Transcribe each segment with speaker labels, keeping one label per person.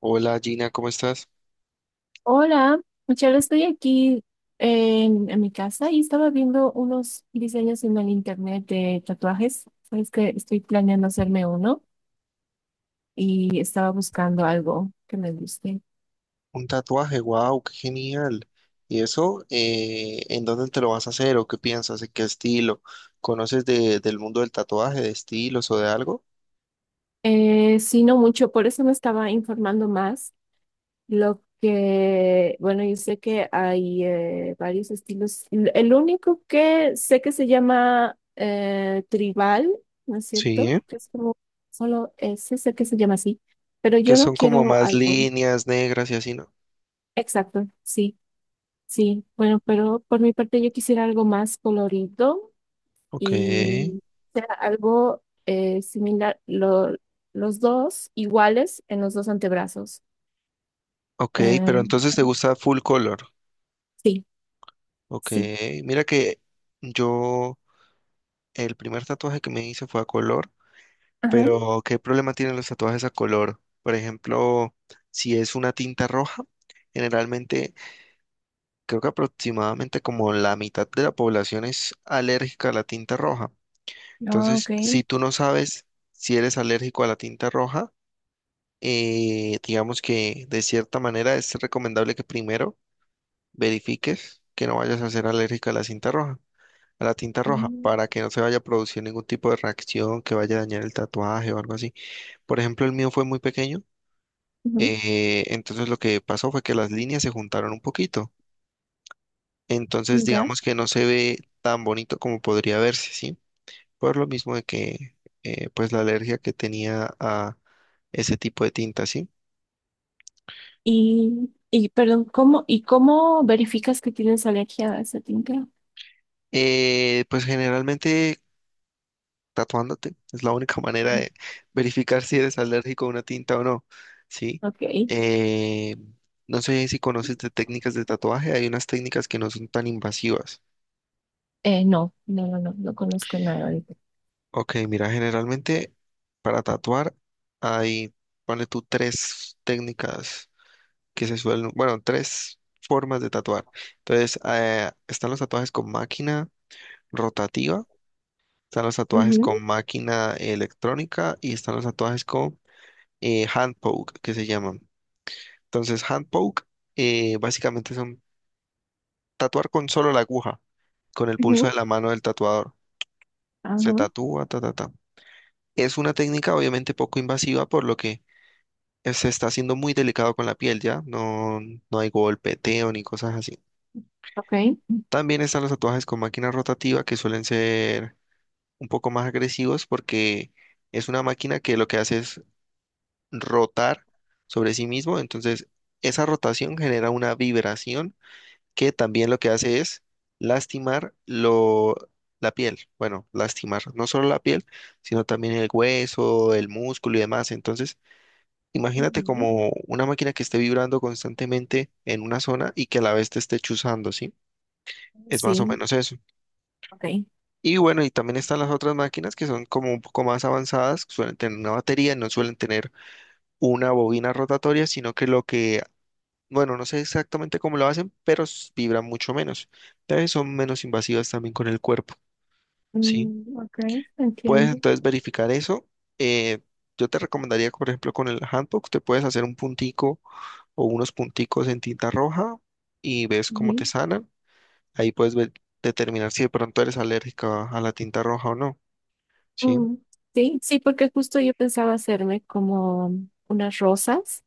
Speaker 1: Hola Gina, ¿cómo estás?
Speaker 2: Hola, Michelle, estoy aquí en mi casa y estaba viendo unos diseños en el internet de tatuajes. Sabes que estoy planeando hacerme uno y estaba buscando algo que me guste.
Speaker 1: Un tatuaje, wow, qué genial. ¿Y eso, en dónde te lo vas a hacer o qué piensas, en qué estilo? ¿Conoces del mundo del tatuaje, de estilos o de algo?
Speaker 2: Sí, no mucho, por eso me estaba informando más. Yo sé que hay varios estilos. El único que sé que se llama tribal, ¿no es cierto?
Speaker 1: Sí,
Speaker 2: Que es como solo ese, sé que se llama así, pero
Speaker 1: que
Speaker 2: yo no
Speaker 1: son como
Speaker 2: quiero
Speaker 1: más
Speaker 2: algo.
Speaker 1: líneas negras y así, ¿no?
Speaker 2: Exacto, sí, sí. Bueno, pero por mi parte yo quisiera algo más colorido
Speaker 1: Ok,
Speaker 2: y sea algo similar, los dos iguales en los dos antebrazos.
Speaker 1: ok, pero
Speaker 2: Eh,
Speaker 1: entonces te gusta full color.
Speaker 2: sí,
Speaker 1: Ok,
Speaker 2: sí.
Speaker 1: mira que yo, el primer tatuaje que me hice fue a color,
Speaker 2: Ajá.
Speaker 1: pero ¿qué problema tienen los tatuajes a color? Por ejemplo, si es una tinta roja, generalmente creo que aproximadamente como la mitad de la población es alérgica a la tinta roja.
Speaker 2: Ah, ok.
Speaker 1: Entonces, si tú no sabes si eres alérgico a la tinta roja, digamos que de cierta manera es recomendable que primero verifiques que no vayas a ser alérgica a la cinta roja, a la tinta roja,
Speaker 2: Mm,
Speaker 1: para que no se vaya a producir ningún tipo de reacción que vaya a dañar el tatuaje o algo así. Por ejemplo, el mío fue muy pequeño,
Speaker 2: ujú,
Speaker 1: entonces lo que pasó fue que las líneas se juntaron un poquito. Entonces,
Speaker 2: ya.
Speaker 1: digamos que no se ve tan bonito como podría verse, ¿sí? Por lo mismo de pues, la alergia que tenía a ese tipo de tinta, ¿sí?
Speaker 2: Y perdón, ¿cómo, y cómo verificas que tienes alergia a esa tinta?
Speaker 1: Pues generalmente tatuándote es la única manera de verificar si eres alérgico a una tinta o no, ¿sí?
Speaker 2: Ok.
Speaker 1: Eh, no sé si conoces de técnicas de tatuaje, hay unas técnicas que no son tan invasivas.
Speaker 2: No, no, no, no, no conozco nada de eso.
Speaker 1: Ok, mira, generalmente para tatuar hay, ponle tú tres técnicas que se suelen, bueno, tres formas de tatuar. Entonces, están los tatuajes con máquina rotativa, están los tatuajes
Speaker 2: Ujú,
Speaker 1: con máquina electrónica y están los tatuajes con hand poke, que se llaman. Entonces, hand poke básicamente son tatuar con solo la aguja, con el pulso
Speaker 2: ujú,
Speaker 1: de la mano del tatuador. Se
Speaker 2: ajá,
Speaker 1: tatúa, ta, ta, ta. Es una técnica obviamente poco invasiva, por lo que se está haciendo muy delicado con la piel, ¿ya? No, no hay golpeteo ni cosas así.
Speaker 2: ok.
Speaker 1: También están los tatuajes con máquina rotativa que suelen ser un poco más agresivos porque es una máquina que lo que hace es rotar sobre sí mismo. Entonces, esa rotación genera una vibración que también lo que hace es lastimar lo, la piel. Bueno, lastimar no solo la piel, sino también el hueso, el músculo y demás. Entonces, imagínate
Speaker 2: Ujú,
Speaker 1: como una máquina que esté vibrando constantemente en una zona y que a la vez te esté chuzando, ¿sí? Es más o
Speaker 2: sí,
Speaker 1: menos eso.
Speaker 2: ok.
Speaker 1: Y bueno, y también están las otras máquinas que son como un poco más avanzadas, que suelen tener una batería, no suelen tener una bobina rotatoria, sino que lo bueno, no sé exactamente cómo lo hacen, pero vibran mucho menos. Entonces son menos invasivas también con el cuerpo, ¿sí?
Speaker 2: Mm, ok,
Speaker 1: Puedes
Speaker 2: entiendo.
Speaker 1: entonces verificar eso. Eh, yo te recomendaría, por ejemplo, con el handbook, te puedes hacer un puntico o unos punticos en tinta roja y ves cómo te
Speaker 2: Ujú.
Speaker 1: sanan. Ahí puedes ver- determinar si de pronto eres alérgica a la tinta roja o no, ¿sí?
Speaker 2: Mm, sí, sí, porque justo yo pensaba hacerme como unas rosas,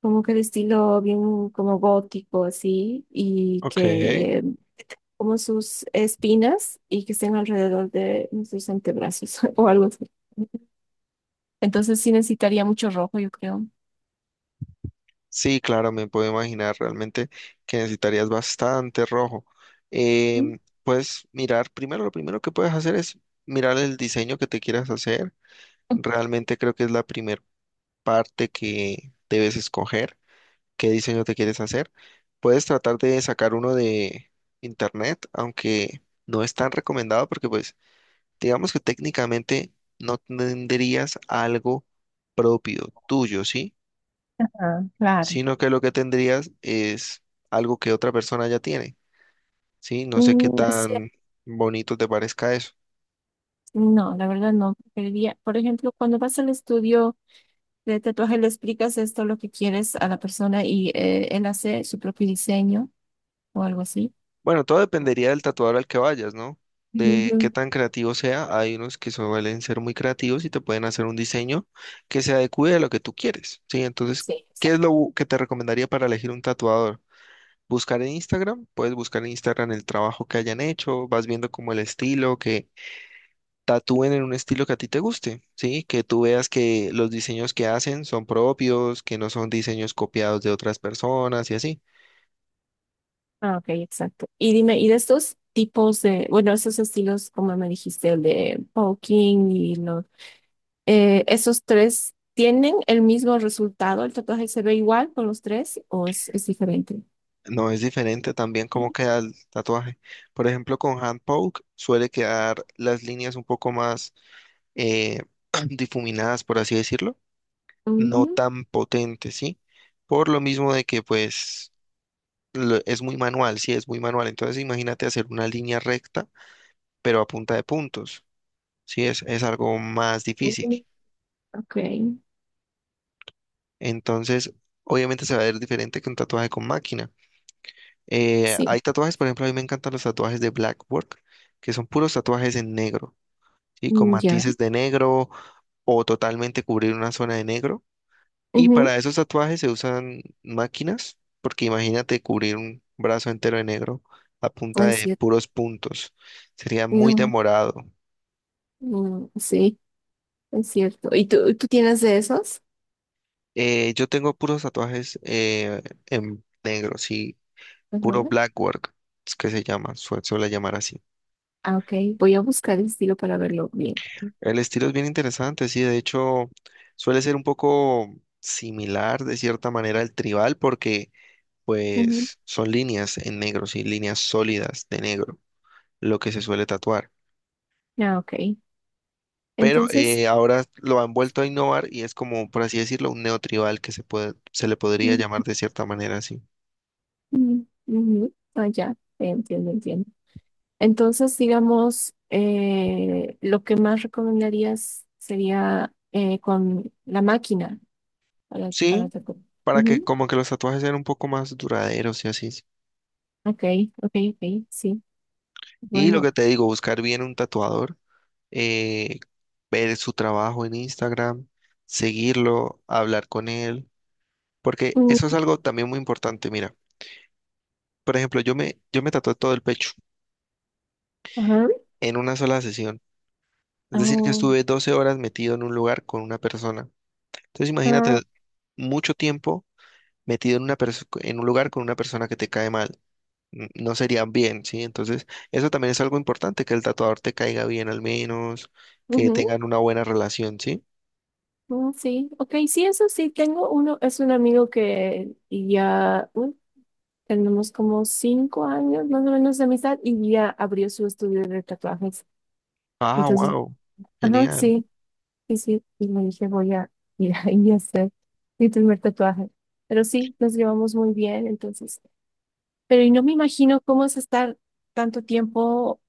Speaker 2: como que de estilo bien como gótico, así, y
Speaker 1: Ok.
Speaker 2: que como sus espinas y que estén alrededor de nuestros antebrazos o algo así. Entonces sí necesitaría mucho rojo, yo creo.
Speaker 1: Sí, claro, me puedo imaginar realmente que necesitarías bastante rojo.
Speaker 2: Mm,
Speaker 1: Puedes mirar, primero lo primero que puedes hacer es mirar el diseño que te quieras hacer. Realmente creo que es la primera parte que debes escoger, qué diseño te quieres hacer. Puedes tratar de sacar uno de internet, aunque no es tan recomendado porque pues digamos que técnicamente no tendrías algo propio tuyo, ¿sí?
Speaker 2: ah, claro.
Speaker 1: Sino que lo que tendrías es algo que otra persona ya tiene, ¿sí? No sé qué
Speaker 2: Mm, no sé.
Speaker 1: tan bonito te parezca eso.
Speaker 2: No, la verdad no. Preferiría, por ejemplo, cuando vas al estudio de tatuaje, le explicas esto, lo que quieres a la persona y él hace su propio diseño o algo así.
Speaker 1: Bueno, todo dependería del tatuador al que vayas, ¿no? De qué
Speaker 2: Ujú.
Speaker 1: tan creativo sea. Hay unos que suelen ser muy creativos y te pueden hacer un diseño que se adecue a lo que tú quieres, ¿sí? Entonces,
Speaker 2: Sí,
Speaker 1: ¿qué
Speaker 2: exacto.
Speaker 1: es que te recomendaría para elegir un tatuador? Buscar en Instagram, puedes buscar en Instagram el trabajo que hayan hecho, vas viendo como el estilo que tatúen en un estilo que a ti te guste, ¿sí? Que tú veas que los diseños que hacen son propios, que no son diseños copiados de otras personas y así.
Speaker 2: Ah, ok, exacto. Y dime, ¿y de estos tipos de, bueno, esos estilos, como me dijiste, el de poking y los esos tres tienen el mismo resultado? ¿El tatuaje se ve igual con los tres o es diferente?
Speaker 1: No es diferente también cómo
Speaker 2: Ujú,
Speaker 1: queda el tatuaje. Por ejemplo, con hand poke suele quedar las líneas un poco más eh, difuminadas, por así decirlo, no
Speaker 2: ujú,
Speaker 1: tan potentes, ¿sí? Por lo mismo de que pues es muy manual, sí, es muy manual. Entonces imagínate hacer una línea recta, pero a punta de puntos, sí, es algo más difícil.
Speaker 2: ujú. Ok,
Speaker 1: Entonces, obviamente se va a ver diferente que un tatuaje con máquina.
Speaker 2: sí,
Speaker 1: Hay tatuajes, por ejemplo, a mí me encantan los tatuajes de Blackwork, que son puros tatuajes en negro, y con
Speaker 2: mm, ya,
Speaker 1: matices de negro o totalmente cubrir una zona de negro. Y para
Speaker 2: ujú,
Speaker 1: esos tatuajes se usan máquinas, porque imagínate cubrir un brazo entero de negro a punta
Speaker 2: es
Speaker 1: de
Speaker 2: cierto,
Speaker 1: puros puntos. Sería muy
Speaker 2: no,
Speaker 1: demorado.
Speaker 2: mm, sí, es cierto. ¿Y tú tienes de esos?
Speaker 1: Yo tengo puros tatuajes en negro, sí, puro
Speaker 2: Ajá,
Speaker 1: Blackwork, es que se llama, suele llamar así.
Speaker 2: ah, ok, voy a buscar el estilo para verlo bien.
Speaker 1: El estilo es bien interesante, sí, de hecho suele ser un poco similar de cierta manera al tribal porque
Speaker 2: Ujú,
Speaker 1: pues son líneas en negro, sí, líneas sólidas de negro, lo que se suele tatuar.
Speaker 2: ah, ok,
Speaker 1: Pero
Speaker 2: entonces,
Speaker 1: ahora lo han vuelto a innovar y es como, por así decirlo, un neotribal que se puede, se le podría
Speaker 2: mm,
Speaker 1: llamar de cierta manera así.
Speaker 2: mm, ujú, ah, ya, entiendo, entiendo. Entonces, digamos, lo que más recomendarías sería con la máquina para
Speaker 1: Sí,
Speaker 2: tatuar.
Speaker 1: para que
Speaker 2: Ujú,
Speaker 1: como que los tatuajes sean un poco más duraderos y así.
Speaker 2: ok, ok, ok, sí.
Speaker 1: Y lo que
Speaker 2: Bueno,
Speaker 1: te digo, buscar bien un tatuador, eh, ver su trabajo en Instagram, seguirlo, hablar con él, porque
Speaker 2: mm,
Speaker 1: eso es algo también muy importante. Mira, por ejemplo, yo me tatué todo el pecho
Speaker 2: ajá,
Speaker 1: en una sola sesión. Es decir, que
Speaker 2: oh,
Speaker 1: estuve 12 horas metido en un lugar con una persona. Entonces,
Speaker 2: ah,
Speaker 1: imagínate mucho tiempo metido en una en un lugar con una persona que te cae mal. No serían bien, ¿sí? Entonces, eso también es algo importante, que el tatuador te caiga bien al menos, que
Speaker 2: ujú,
Speaker 1: tengan una buena relación, ¿sí?
Speaker 2: mm, sí, ok, sí, eso sí, tengo uno, es un amigo que ya tenemos como 5 años más o menos de amistad y ya abrió su estudio de tatuajes.
Speaker 1: Ah,
Speaker 2: Entonces,
Speaker 1: wow,
Speaker 2: ajá,
Speaker 1: genial.
Speaker 2: sí. Sí, sí, y le dije, voy a ir ahí a hacer mi primer tatuaje. Pero sí, nos llevamos muy bien, entonces. Pero y no me imagino cómo es estar tanto tiempo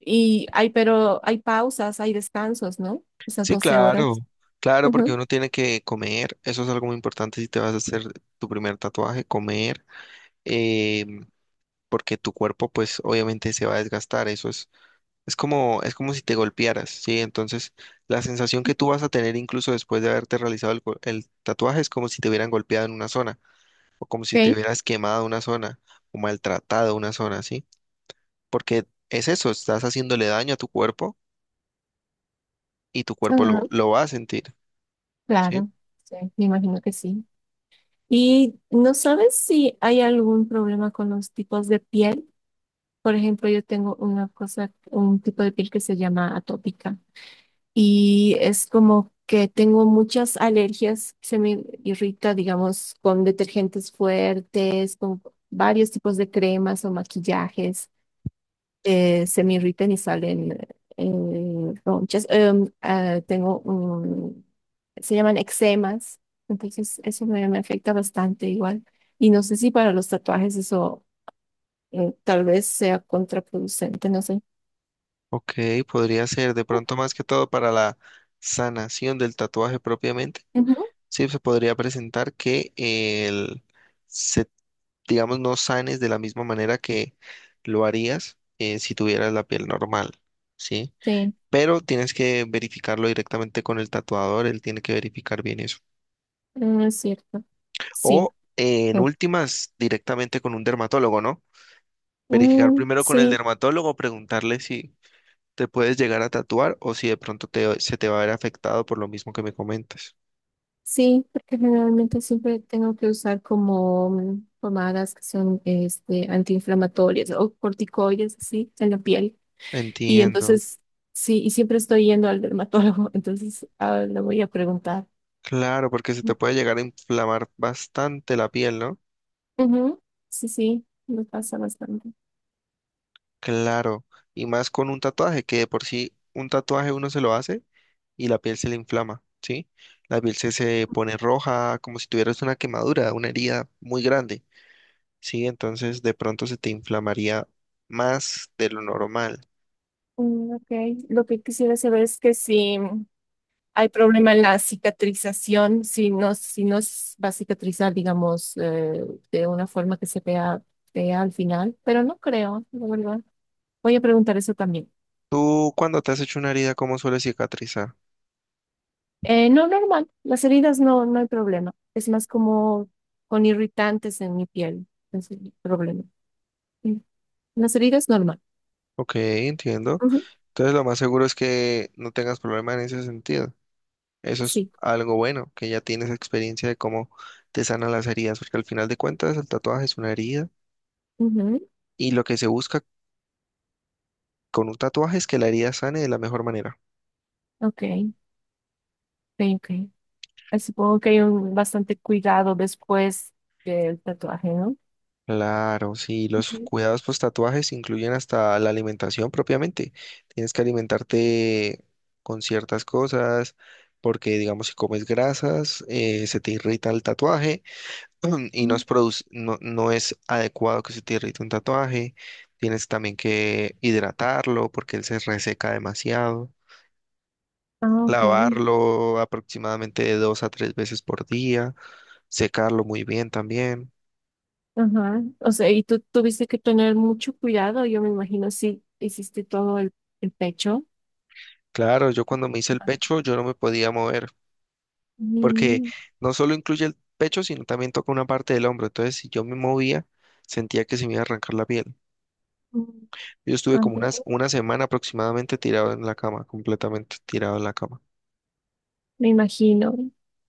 Speaker 2: y hay, pero hay pausas, hay descansos, ¿no? Esas
Speaker 1: Sí,
Speaker 2: 12
Speaker 1: claro,
Speaker 2: horas.
Speaker 1: claro, porque
Speaker 2: Ujú.
Speaker 1: uno tiene que comer, eso es algo muy importante si te vas a hacer tu primer tatuaje, comer, eh, porque tu cuerpo pues obviamente se va a desgastar, eso es como si te golpearas, ¿sí? Entonces, la sensación que tú vas a tener incluso después de haberte realizado el tatuaje es como si te hubieran golpeado en una zona. O como si te
Speaker 2: Ok.
Speaker 1: hubieras quemado una zona o maltratado una zona, ¿sí? Porque es eso, estás haciéndole daño a tu cuerpo y tu cuerpo
Speaker 2: Ajá,
Speaker 1: lo va a sentir, ¿sí?
Speaker 2: claro, sí, me imagino que sí. ¿Y no sabes si hay algún problema con los tipos de piel? Por ejemplo, yo tengo una cosa, un tipo de piel que se llama atópica. Y es como que tengo muchas alergias, se me irrita, digamos, con detergentes fuertes, con varios tipos de cremas o maquillajes, se me irritan y salen ronchas. Ah, tengo, se llaman eczemas, entonces eso me, me afecta bastante igual. Y no sé si para los tatuajes eso tal vez sea contraproducente, no sé.
Speaker 1: Ok, podría ser de pronto más que todo para la sanación del tatuaje propiamente,
Speaker 2: Ujú,
Speaker 1: sí, se podría presentar que se, digamos, no sanes de la misma manera que lo harías si tuvieras la piel normal, ¿sí?
Speaker 2: sí,
Speaker 1: Pero tienes que verificarlo directamente con el tatuador, él tiene que verificar bien eso.
Speaker 2: mm, es cierto. Sí,
Speaker 1: O en últimas, directamente con un dermatólogo, ¿no? Verificar
Speaker 2: mm,
Speaker 1: primero con el
Speaker 2: sí,
Speaker 1: dermatólogo, preguntarle si te puedes llegar a tatuar o si de pronto se te va a ver afectado por lo mismo que me comentas.
Speaker 2: sí, porque generalmente siempre tengo que usar como mm, pomadas que son este, antiinflamatorias o corticoides, así, en la piel. Y
Speaker 1: Entiendo.
Speaker 2: entonces, sí, y siempre estoy yendo al dermatólogo, entonces ah, le voy a preguntar.
Speaker 1: Claro, porque se te puede llegar a inflamar bastante la piel, ¿no?
Speaker 2: Ujú, sí, sí, me pasa bastante.
Speaker 1: Claro. Y más con un tatuaje, que de por sí un tatuaje uno se lo hace y la piel se le inflama, ¿sí? La piel se pone roja, como si tuvieras una quemadura, una herida muy grande. ¿Sí? Entonces de pronto se te inflamaría más de lo normal.
Speaker 2: Mm, ok, lo que quisiera saber es que sí. Hay problema en la cicatrización, si no, si no va a cicatrizar, digamos, de una forma que se vea fea al final, pero no creo, la verdad. Voy a preguntar eso también.
Speaker 1: Tú cuando te has hecho una herida, ¿cómo suele cicatrizar?
Speaker 2: No, normal, las heridas no, no hay problema. Es más como con irritantes en mi piel, es el problema. Mm. Las heridas normal.
Speaker 1: Ok, entiendo.
Speaker 2: Ujú,
Speaker 1: Entonces lo más seguro es que no tengas problema en ese sentido. Eso es
Speaker 2: sí.
Speaker 1: algo bueno, que ya tienes experiencia de cómo te sanan las heridas, porque al final de cuentas el tatuaje es una herida
Speaker 2: Ujú,
Speaker 1: y lo que se busca con un tatuaje es que la herida sane de la mejor manera.
Speaker 2: ok, ok, ok. Supongo que hay un bastante cuidado después del tatuaje, ¿no?
Speaker 1: Claro, sí, los
Speaker 2: Ujú.
Speaker 1: cuidados post tatuajes incluyen hasta la alimentación propiamente. Tienes que alimentarte con ciertas cosas, porque digamos si comes grasas, se te irrita el tatuaje y no
Speaker 2: Mm.
Speaker 1: no, no es adecuado que se te irrite un tatuaje. Tienes también que hidratarlo porque él se reseca demasiado.
Speaker 2: Ah, ok.
Speaker 1: Lavarlo aproximadamente de 2 a 3 veces por día, secarlo muy bien también.
Speaker 2: Ajá. O sea, y tú tuviste que tener mucho cuidado, yo me imagino, si hiciste el pecho.
Speaker 1: Claro, yo cuando me hice el pecho, yo no me podía mover. Porque
Speaker 2: Mm,
Speaker 1: no solo incluye el pecho, sino también toca una parte del hombro. Entonces, si yo me movía, sentía que se me iba a arrancar la piel.
Speaker 2: mm,
Speaker 1: Yo estuve como
Speaker 2: ande-
Speaker 1: unas, 1 semana aproximadamente tirado en la cama, completamente tirado en la cama.
Speaker 2: me imagino.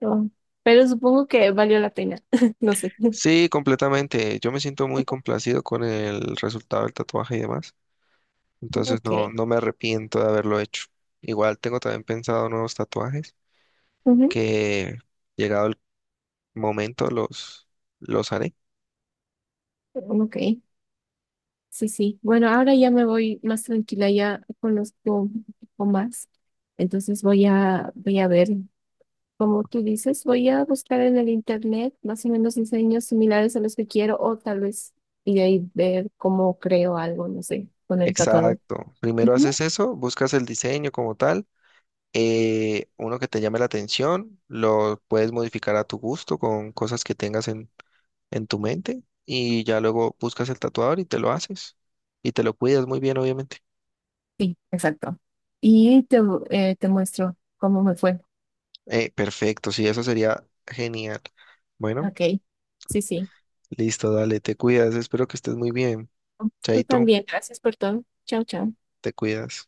Speaker 2: No. Pero supongo que valió la pena. No sé.
Speaker 1: Sí, completamente. Yo me siento muy complacido con el resultado del tatuaje y demás. Entonces,
Speaker 2: Ok.
Speaker 1: no, no me arrepiento de haberlo hecho. Igual tengo también pensado nuevos tatuajes
Speaker 2: Ujú,
Speaker 1: que llegado el momento los haré.
Speaker 2: ok. Sí, sí. Bueno, ahora ya me voy más tranquila, ya conozco un poco más. Entonces voy a ver. Como tú dices, voy a buscar en el internet más o menos diseños similares a los que quiero o tal vez y de ahí ver cómo creo algo, no sé, con el tatuador.
Speaker 1: Exacto. Primero
Speaker 2: Ujú,
Speaker 1: haces eso, buscas el diseño como tal uno que te llame la atención, lo puedes modificar a tu gusto con cosas que tengas en tu mente y ya luego buscas el tatuador y te lo haces y te lo cuidas muy bien, obviamente.
Speaker 2: sí, exacto. Y te, te muestro cómo me fue.
Speaker 1: Perfecto, sí, eso sería genial. Bueno,
Speaker 2: Ok, sí, sí.
Speaker 1: listo, dale, te cuidas, espero que estés muy bien.
Speaker 2: Tú
Speaker 1: Chaito,
Speaker 2: también. Gracias por todo. Chao, chao.
Speaker 1: te cuidas.